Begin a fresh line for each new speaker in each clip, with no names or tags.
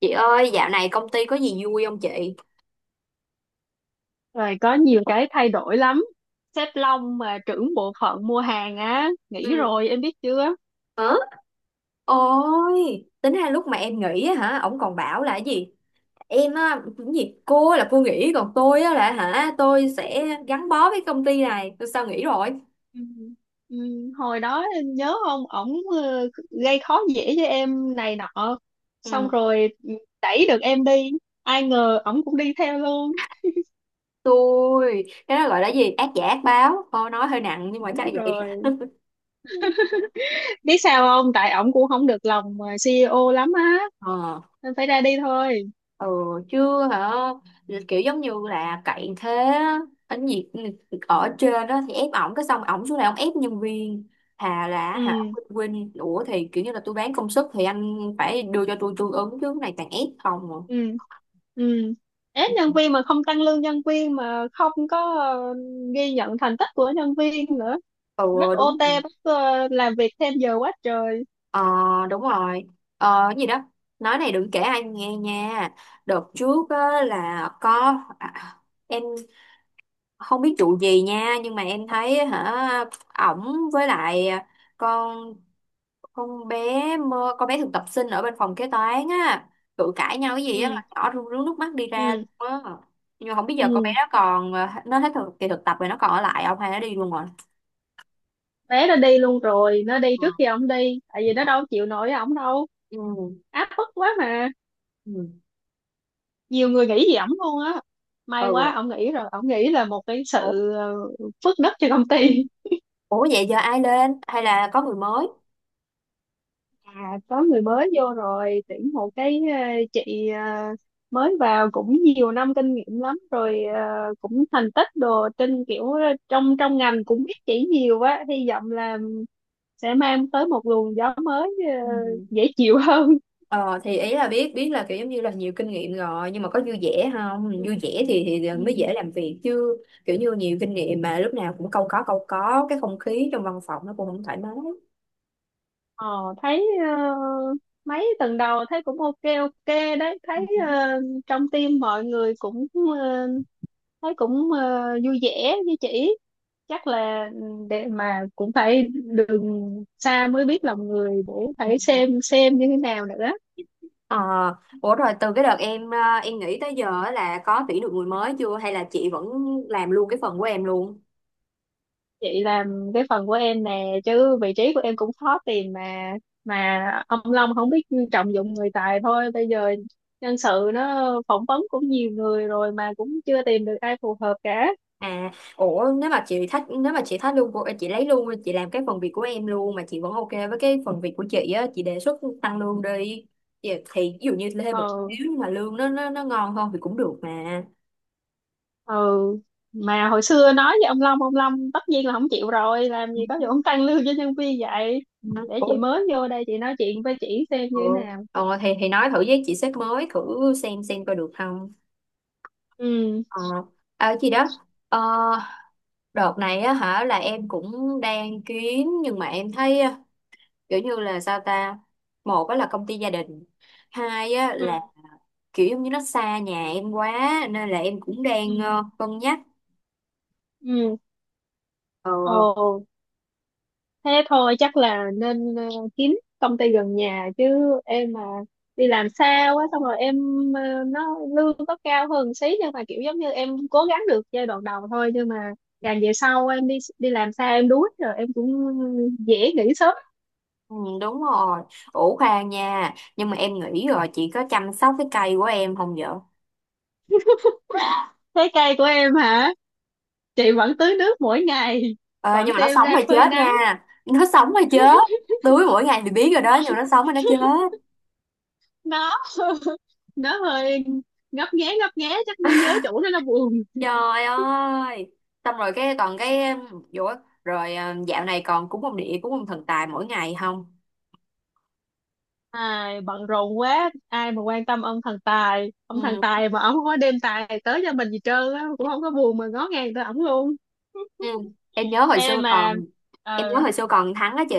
Chị ơi, dạo này công ty có gì vui không chị?
Rồi, có nhiều cái thay đổi lắm. Sếp Long mà trưởng bộ phận mua hàng á, nghỉ
Ừ.
rồi em biết chưa?
Hả? Ôi, tính ra lúc mà em nghỉ á hả, ổng còn bảo là cái gì? Em á, cái gì? Cô là cô nghỉ, còn tôi á là hả, tôi sẽ gắn bó với công ty này. Tôi sao nghỉ rồi?
Ừ. Ừ, hồi đó em nhớ không, ổng gây khó dễ cho em này nọ, xong
Ừ,
rồi đẩy được em đi, ai ngờ ổng cũng đi theo luôn.
tôi, cái đó gọi là gì? Ác giả ác báo. Thôi nói hơi nặng nhưng mà chắc
Đúng
là vậy.
rồi. Biết sao không, tại ổng cũng không được lòng CEO lắm á,
Ờ.
nên phải ra đi thôi.
Ừ, chưa hả, kiểu giống như là cậy thế á. ở nhiệt ừ, Ở trên đó thì ép ổng cái xong ổng xuống này ổng ép nhân viên hà là hả,
Ừ.
quên, ủa thì kiểu như là tôi bán công sức thì anh phải đưa cho tôi tương ứng chứ cái này toàn ép không à.
Ừ. Ừ, ép nhân viên mà không tăng lương nhân viên, mà không có ghi nhận thành tích của nhân viên nữa. Bắt
Ừ, đúng
OT,
rồi.
bắt làm việc thêm giờ quá trời.
ờ đúng rồi. Ờ Cái gì đó, nói này đừng kể ai nghe nha. Đợt trước á, là có em không biết vụ gì nha nhưng mà em thấy hả ổng với lại con con bé con bé thực tập sinh ở bên phòng kế toán á cự cãi nhau cái gì á
Ừ.
mà nhỏ rưng rưng nước mắt đi ra
Ừ.
luôn á. Nhưng mà không biết giờ con bé
Ừ,
đó còn nó hết kỳ thực tập rồi nó còn ở lại không hay nó đi luôn rồi.
bé nó đi luôn rồi, nó đi
Ờ.
trước khi ông đi, tại vì nó đâu chịu nổi ổng đâu.
Ừ.
Áp bức quá mà.
Ừ.
Nhiều người nghĩ gì ổng luôn á. May
Ừ.
quá, ổng nghĩ rồi, ổng nghĩ là một cái
Ủa.
sự phước đức cho công ty.
Ủa vậy giờ ai lên hay là có người mới?
À, có người mới vô rồi, tuyển một cái chị mới vào, cũng nhiều năm kinh nghiệm lắm rồi, cũng thành tích đồ trên, kiểu trong trong ngành cũng biết chỉ nhiều, quá hy vọng là sẽ mang tới một luồng gió mới,
Ừ.
dễ chịu hơn.
Ờ, thì ý là biết biết là kiểu giống như là nhiều kinh nghiệm rồi nhưng mà có vui vẻ không,
Ừ.
vui vẻ thì mới
Ừ.
dễ làm việc chứ. Kiểu như nhiều kinh nghiệm mà lúc nào cũng câu có cái không khí trong văn phòng nó cũng không thoải mái.
Ờ, thấy ờ, mấy tuần đầu thấy cũng ok ok đấy,
Ừ.
thấy trong team mọi người cũng ờ, thấy cũng vui vẻ với chị. Chắc là ừ, để mà cũng phải đường xa mới biết lòng người, để phải xem như thế nào nữa.
Ờ, ủa rồi từ cái đợt em em nghỉ tới giờ á là có tuyển được người mới chưa hay là chị vẫn làm luôn cái phần của em luôn?
Chị làm cái phần của em nè, chứ vị trí của em cũng khó tìm mà. Mà ông Long không biết trọng dụng người tài thôi. Bây giờ nhân sự nó phỏng vấn cũng nhiều người rồi mà cũng chưa tìm được ai phù hợp cả.
À, ủa nếu mà chị thích, nếu mà chị thích luôn của chị, lấy luôn, chị làm cái phần việc của em luôn mà chị vẫn ok với cái phần việc của chị á, chị đề xuất tăng lương đi. Thì, ví dụ như thêm một
Ừ.
xíu nhưng mà lương nó ngon hơn thì cũng được mà.
Ừ, mà hồi xưa nói với ông Long, ông Long tất nhiên là không chịu rồi, làm gì
Ừ.
có vụ ông tăng lương cho nhân viên vậy. Để
Ủa,
chị mới vô đây, chị nói chuyện với chị xem
ờ,
như thế nào.
ờ, thì nói thử với chị sếp mới thử xem coi được không.
Ừ.
Ờ, à, gì đó. Ờ, đợt này á hả là em cũng đang kiếm nhưng mà em thấy á, kiểu như là sao ta, một á là công ty gia đình, hai á là
Ừ.
kiểu giống như nó xa nhà em quá nên là em cũng đang
Ừ.
cân nhắc.
Ừ.
Ờ.
Ồ, thế thôi, chắc là nên kiếm công ty gần nhà chứ. Em mà đi làm xa quá, xong rồi em ờ, nó lương có cao hơn xí, nhưng mà kiểu giống như em cố gắng được giai đoạn đầu thôi, nhưng mà càng về sau em đi đi làm xa, em đuối rồi em cũng dễ nghỉ sớm.
Ừ, đúng rồi. Ủ khoan nha, nhưng mà em nghĩ rồi, chị có chăm sóc cái cây của em không vậy?
Thế cây của em hả? Chị vẫn tưới nước mỗi ngày,
Ờ,
vẫn
nhưng mà nó
đem
sống
ra
hay
phơi
chết
nắng.
nha? Nó sống hay chết? Tưới mỗi ngày thì biết rồi đó
nó
nhưng mà nó sống hay nó chết?
nó nó hơi ngấp nghé ngấp nghé, chắc nó nhớ chủ, nó buồn.
Trời ơi, xong rồi cái còn cái, ủa, rồi dạo này còn cúng ông địa cúng ông thần tài mỗi ngày không?
Ai bận rộn quá, ai mà quan tâm ông thần tài. Ông thần
Ừ,
tài mà ông không có đem tài tới cho mình gì trơn á, cũng không có buồn mà ngó ngàng tới ổng luôn.
ừ. Em nhớ hồi
Ê
xưa
mà
còn, em nhớ
ờ.
hồi xưa còn Thắng á chị,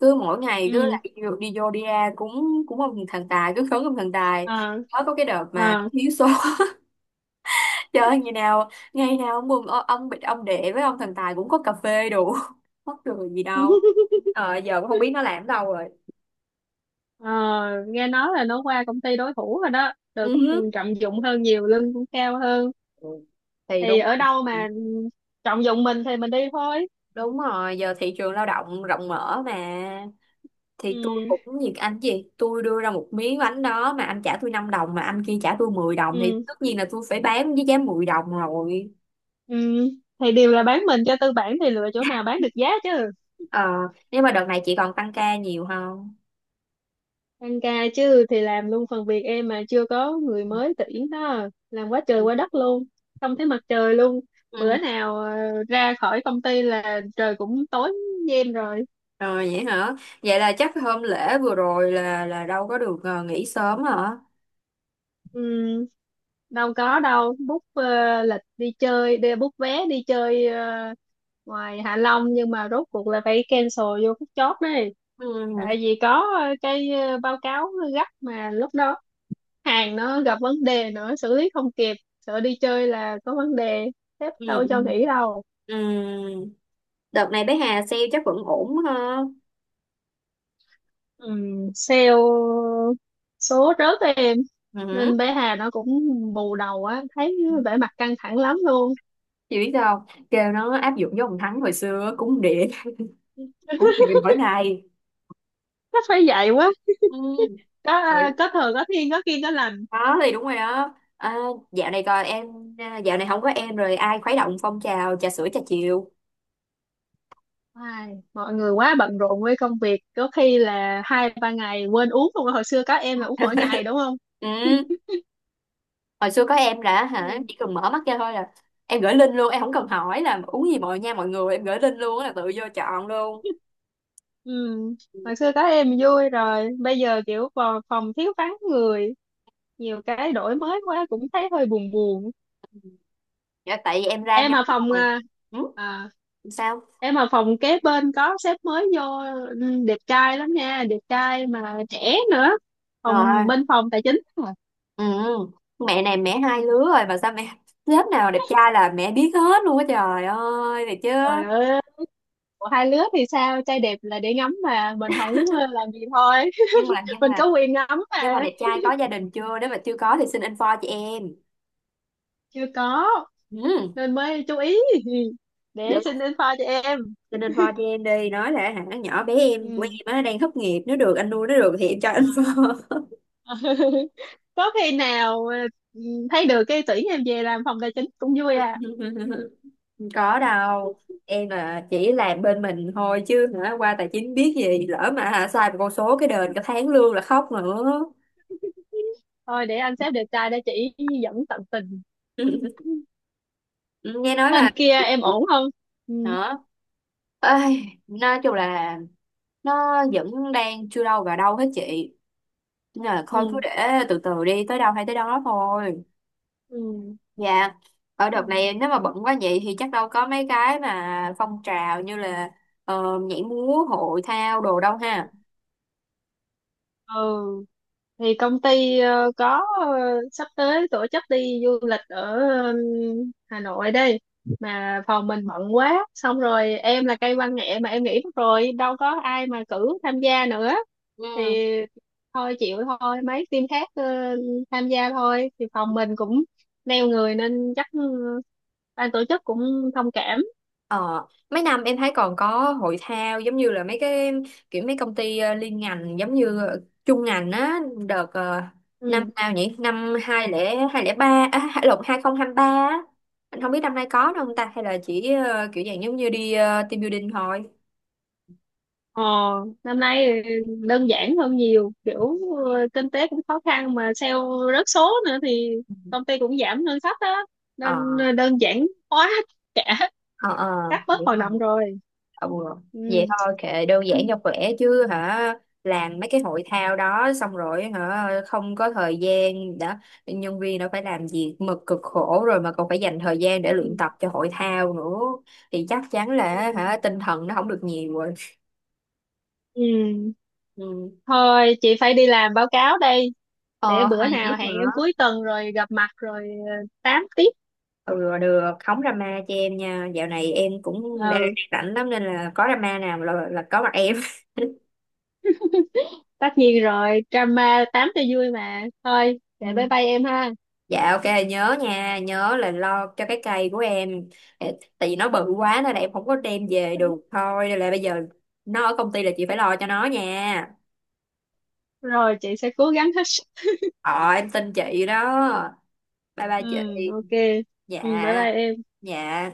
cứ mỗi ngày cứ
Ừ.
lại đi, đi vô đi ra cúng cúng ông thần tài, cứ khấn ông thần tài.
Ờ.
Mới có cái đợt mà
Ờ.
thiếu số chơi ơi, ngày nào ông bị ông đệ với ông thần tài cũng có cà phê đủ mắc cười gì đâu. Ờ, giờ cũng không biết nó làm ở đâu rồi.
Ờ, nghe nói là nó qua công ty đối thủ rồi đó,
Ừ.
được
Hứ.
trọng dụng hơn nhiều, lương cũng cao hơn.
Ừ, thì
Thì
đúng.
ở đâu mà trọng dụng mình thì mình đi thôi.
Đúng rồi, giờ thị trường lao động rộng mở mà. Thì tôi
Ừ.
cũng như anh gì, tôi đưa ra một miếng bánh đó mà anh trả tôi 5 đồng mà anh kia trả tôi 10 đồng thì
Ừ.
tất nhiên là tôi phải bán với giá 10 đồng rồi.
Ừ, thì đều là bán mình cho tư bản, thì lựa chỗ nào bán được giá chứ.
Ờ, nhưng mà đợt này chị còn tăng ca nhiều không?
Tăng ca chứ, thì làm luôn phần việc em mà chưa có người mới tuyển đó, làm quá trời quá
Ừ.
đất luôn. Không thấy mặt trời luôn. Bữa
Ừ.
nào ra khỏi công ty là trời cũng tối như em rồi.
Rồi vậy hả? Vậy là chắc hôm lễ vừa rồi là đâu có được nghỉ sớm hả?
Ừm, Đâu có đâu, book lịch đi chơi, đi book vé đi chơi ngoài Hạ Long, nhưng mà rốt cuộc là phải cancel vô phút chót đấy.
Ừ.
Tại vì có cái báo cáo gấp mà lúc đó hàng nó gặp vấn đề nữa, xử lý không kịp, sợ đi chơi là có vấn đề, sếp
Ừ.
đâu cho
Ừ.
nghỉ đâu.
Ừ. Đợt này bé Hà sale chắc vẫn ổn ha.
Sale số rớt em, nên
Ừ.
bé Hà nó cũng bù đầu á, thấy vẻ mặt căng thẳng lắm luôn.
Chị biết sao không? Kêu nó áp dụng với ông Thắng hồi xưa cúng điện cúng điện mỗi ngày.
Nó phải vậy quá.
Ừ.
có
Rồi.
có thừa, có thiên, có kiêng có lành.
Đó thì đúng rồi đó à, dạo này coi em, à, dạo này không có em rồi ai khuấy động phong trào trà sữa trà chiều.
Ai, mọi người quá bận rộn với công việc, có khi là hai ba ngày quên uống. Không, hồi xưa các em là uống mỗi ngày đúng không.
Ừ. Hồi xưa có em là hả,
Ừ.
chỉ cần mở mắt ra thôi là em gửi link luôn, em không cần hỏi là uống gì, mọi nha mọi người em gửi link luôn á là tự vô chọn luôn.
Ừ, hồi xưa các em vui rồi, bây giờ kiểu vào phòng thiếu vắng người, nhiều cái đổi mới quá cũng thấy hơi buồn buồn.
Dạ, tại vì em ra
Em
nhóm
ở phòng
rồi.
à?
Ừ.
À,
Sao
em ở phòng kế bên có sếp mới vô. Ừ, đẹp trai lắm nha, đẹp trai mà trẻ nữa.
rồi.
Phòng bên phòng tài chính.
Ừ. Mẹ này, mẹ hai lứa rồi mà sao mẹ lớp nào đẹp trai là mẹ biết hết luôn á trời ơi thì chứ.
Trời ơi, của hai lứa thì sao, trai đẹp là để ngắm mà, mình không làm gì thôi.
nhưng mà nhưng
Mình
mà
có quyền ngắm
nhưng mà
mà.
đẹp trai có gia đình chưa, nếu mà chưa có thì xin info cho em.
Chưa có,
Ừ.
nên mới chú ý để
Được.
xin info cho em.
Xin info cho em đi, nói là hả nhỏ bé em của
Ừ.
em á đang thất nghiệp, nếu được anh nuôi nó được thì em cho info.
Có khi nào thấy được cái tuyển em về làm phòng tài chính cũng vui à.
Không có đâu, em là chỉ làm bên mình thôi chứ hả qua tài chính biết gì, lỡ mà hả sai một con số cái đền cả tháng lương là khóc nữa.
Thôi để anh sếp đẹp trai để chỉ dẫn tận tình.
Nghe
Cái
nói là,
bên kia em ổn không? Ừ.
đó, ây, nói chung là nó vẫn đang chưa đâu vào đâu hết chị, nên là thôi cứ
Ừ.
để từ từ đi tới đâu hay tới đó thôi.
Ừ.
Dạ. Ở
Ừ.
đợt này nếu mà bận quá vậy thì chắc đâu có mấy cái mà phong trào như là nhảy múa hội thao đồ đâu ha.
Ừ. Thì công ty có sắp tới tổ chức đi du lịch ở Hà Nội đây, mà phòng mình bận quá, xong rồi em là cây văn nghệ mà em nghỉ mất rồi, đâu có ai mà cử tham gia nữa.
Ừ.
Thì thôi chịu thôi, mấy team khác tham gia thôi, thì phòng mình cũng neo người nên chắc ừ, ban tổ chức cũng thông cảm.
Ờ, mấy năm em thấy còn có hội thao giống như là mấy cái kiểu mấy công ty liên ngành giống như chung ngành á. Đợt năm
Ừ.
nào nhỉ, năm 2023 à, lộn, 2023 á. Anh không biết năm nay có đâu không ta, hay là chỉ kiểu dạng giống như đi team building thôi.
Ờ, năm nay đơn giản hơn nhiều, kiểu kinh tế cũng khó khăn, mà sale rớt số nữa thì
Ừ.
công ty cũng giảm ngân sách đó,
Ờ
nên đơn giản hóa cả
ờ.
các, bớt
Đúng
hoạt động rồi.
rồi. Ừ.
Ừ.
Vậy thôi kệ, đơn
Ừ.
giản cho khỏe chứ hả, làm mấy cái hội thao đó xong rồi hả không có thời gian, đã nhân viên đã phải làm việc mực cực khổ rồi mà còn phải dành thời gian để luyện tập cho hội thao nữa thì chắc chắn là
Ừ.
hả tinh thần nó không được nhiều rồi.
Ừ.
Ừ.
Thôi chị phải đi làm báo cáo đây. Để
Ờ,
bữa
thôi gì tiếp
nào hẹn em
nữa.
cuối tuần rồi gặp mặt rồi tám tiếp.
Ừ, được, không drama cho em nha, dạo này em cũng đang
Ừ,
rảnh lắm nên là có drama nào là có mặt em.
tất nhiên rồi, drama tám cho vui mà. Thôi để bye
Ừ.
bye em ha.
Dạ ok, nhớ nha, nhớ là lo cho cái cây của em. Ê, tại vì nó bự quá nên là em không có đem về được thôi, nên là bây giờ nó ở công ty là chị phải lo cho nó nha.
Rồi chị sẽ cố gắng hết.
Ờ, em tin chị đó. Bye bye
Ừ.
chị.
Ok. Ừ, bye
Dạ.
bye em.
Dạ.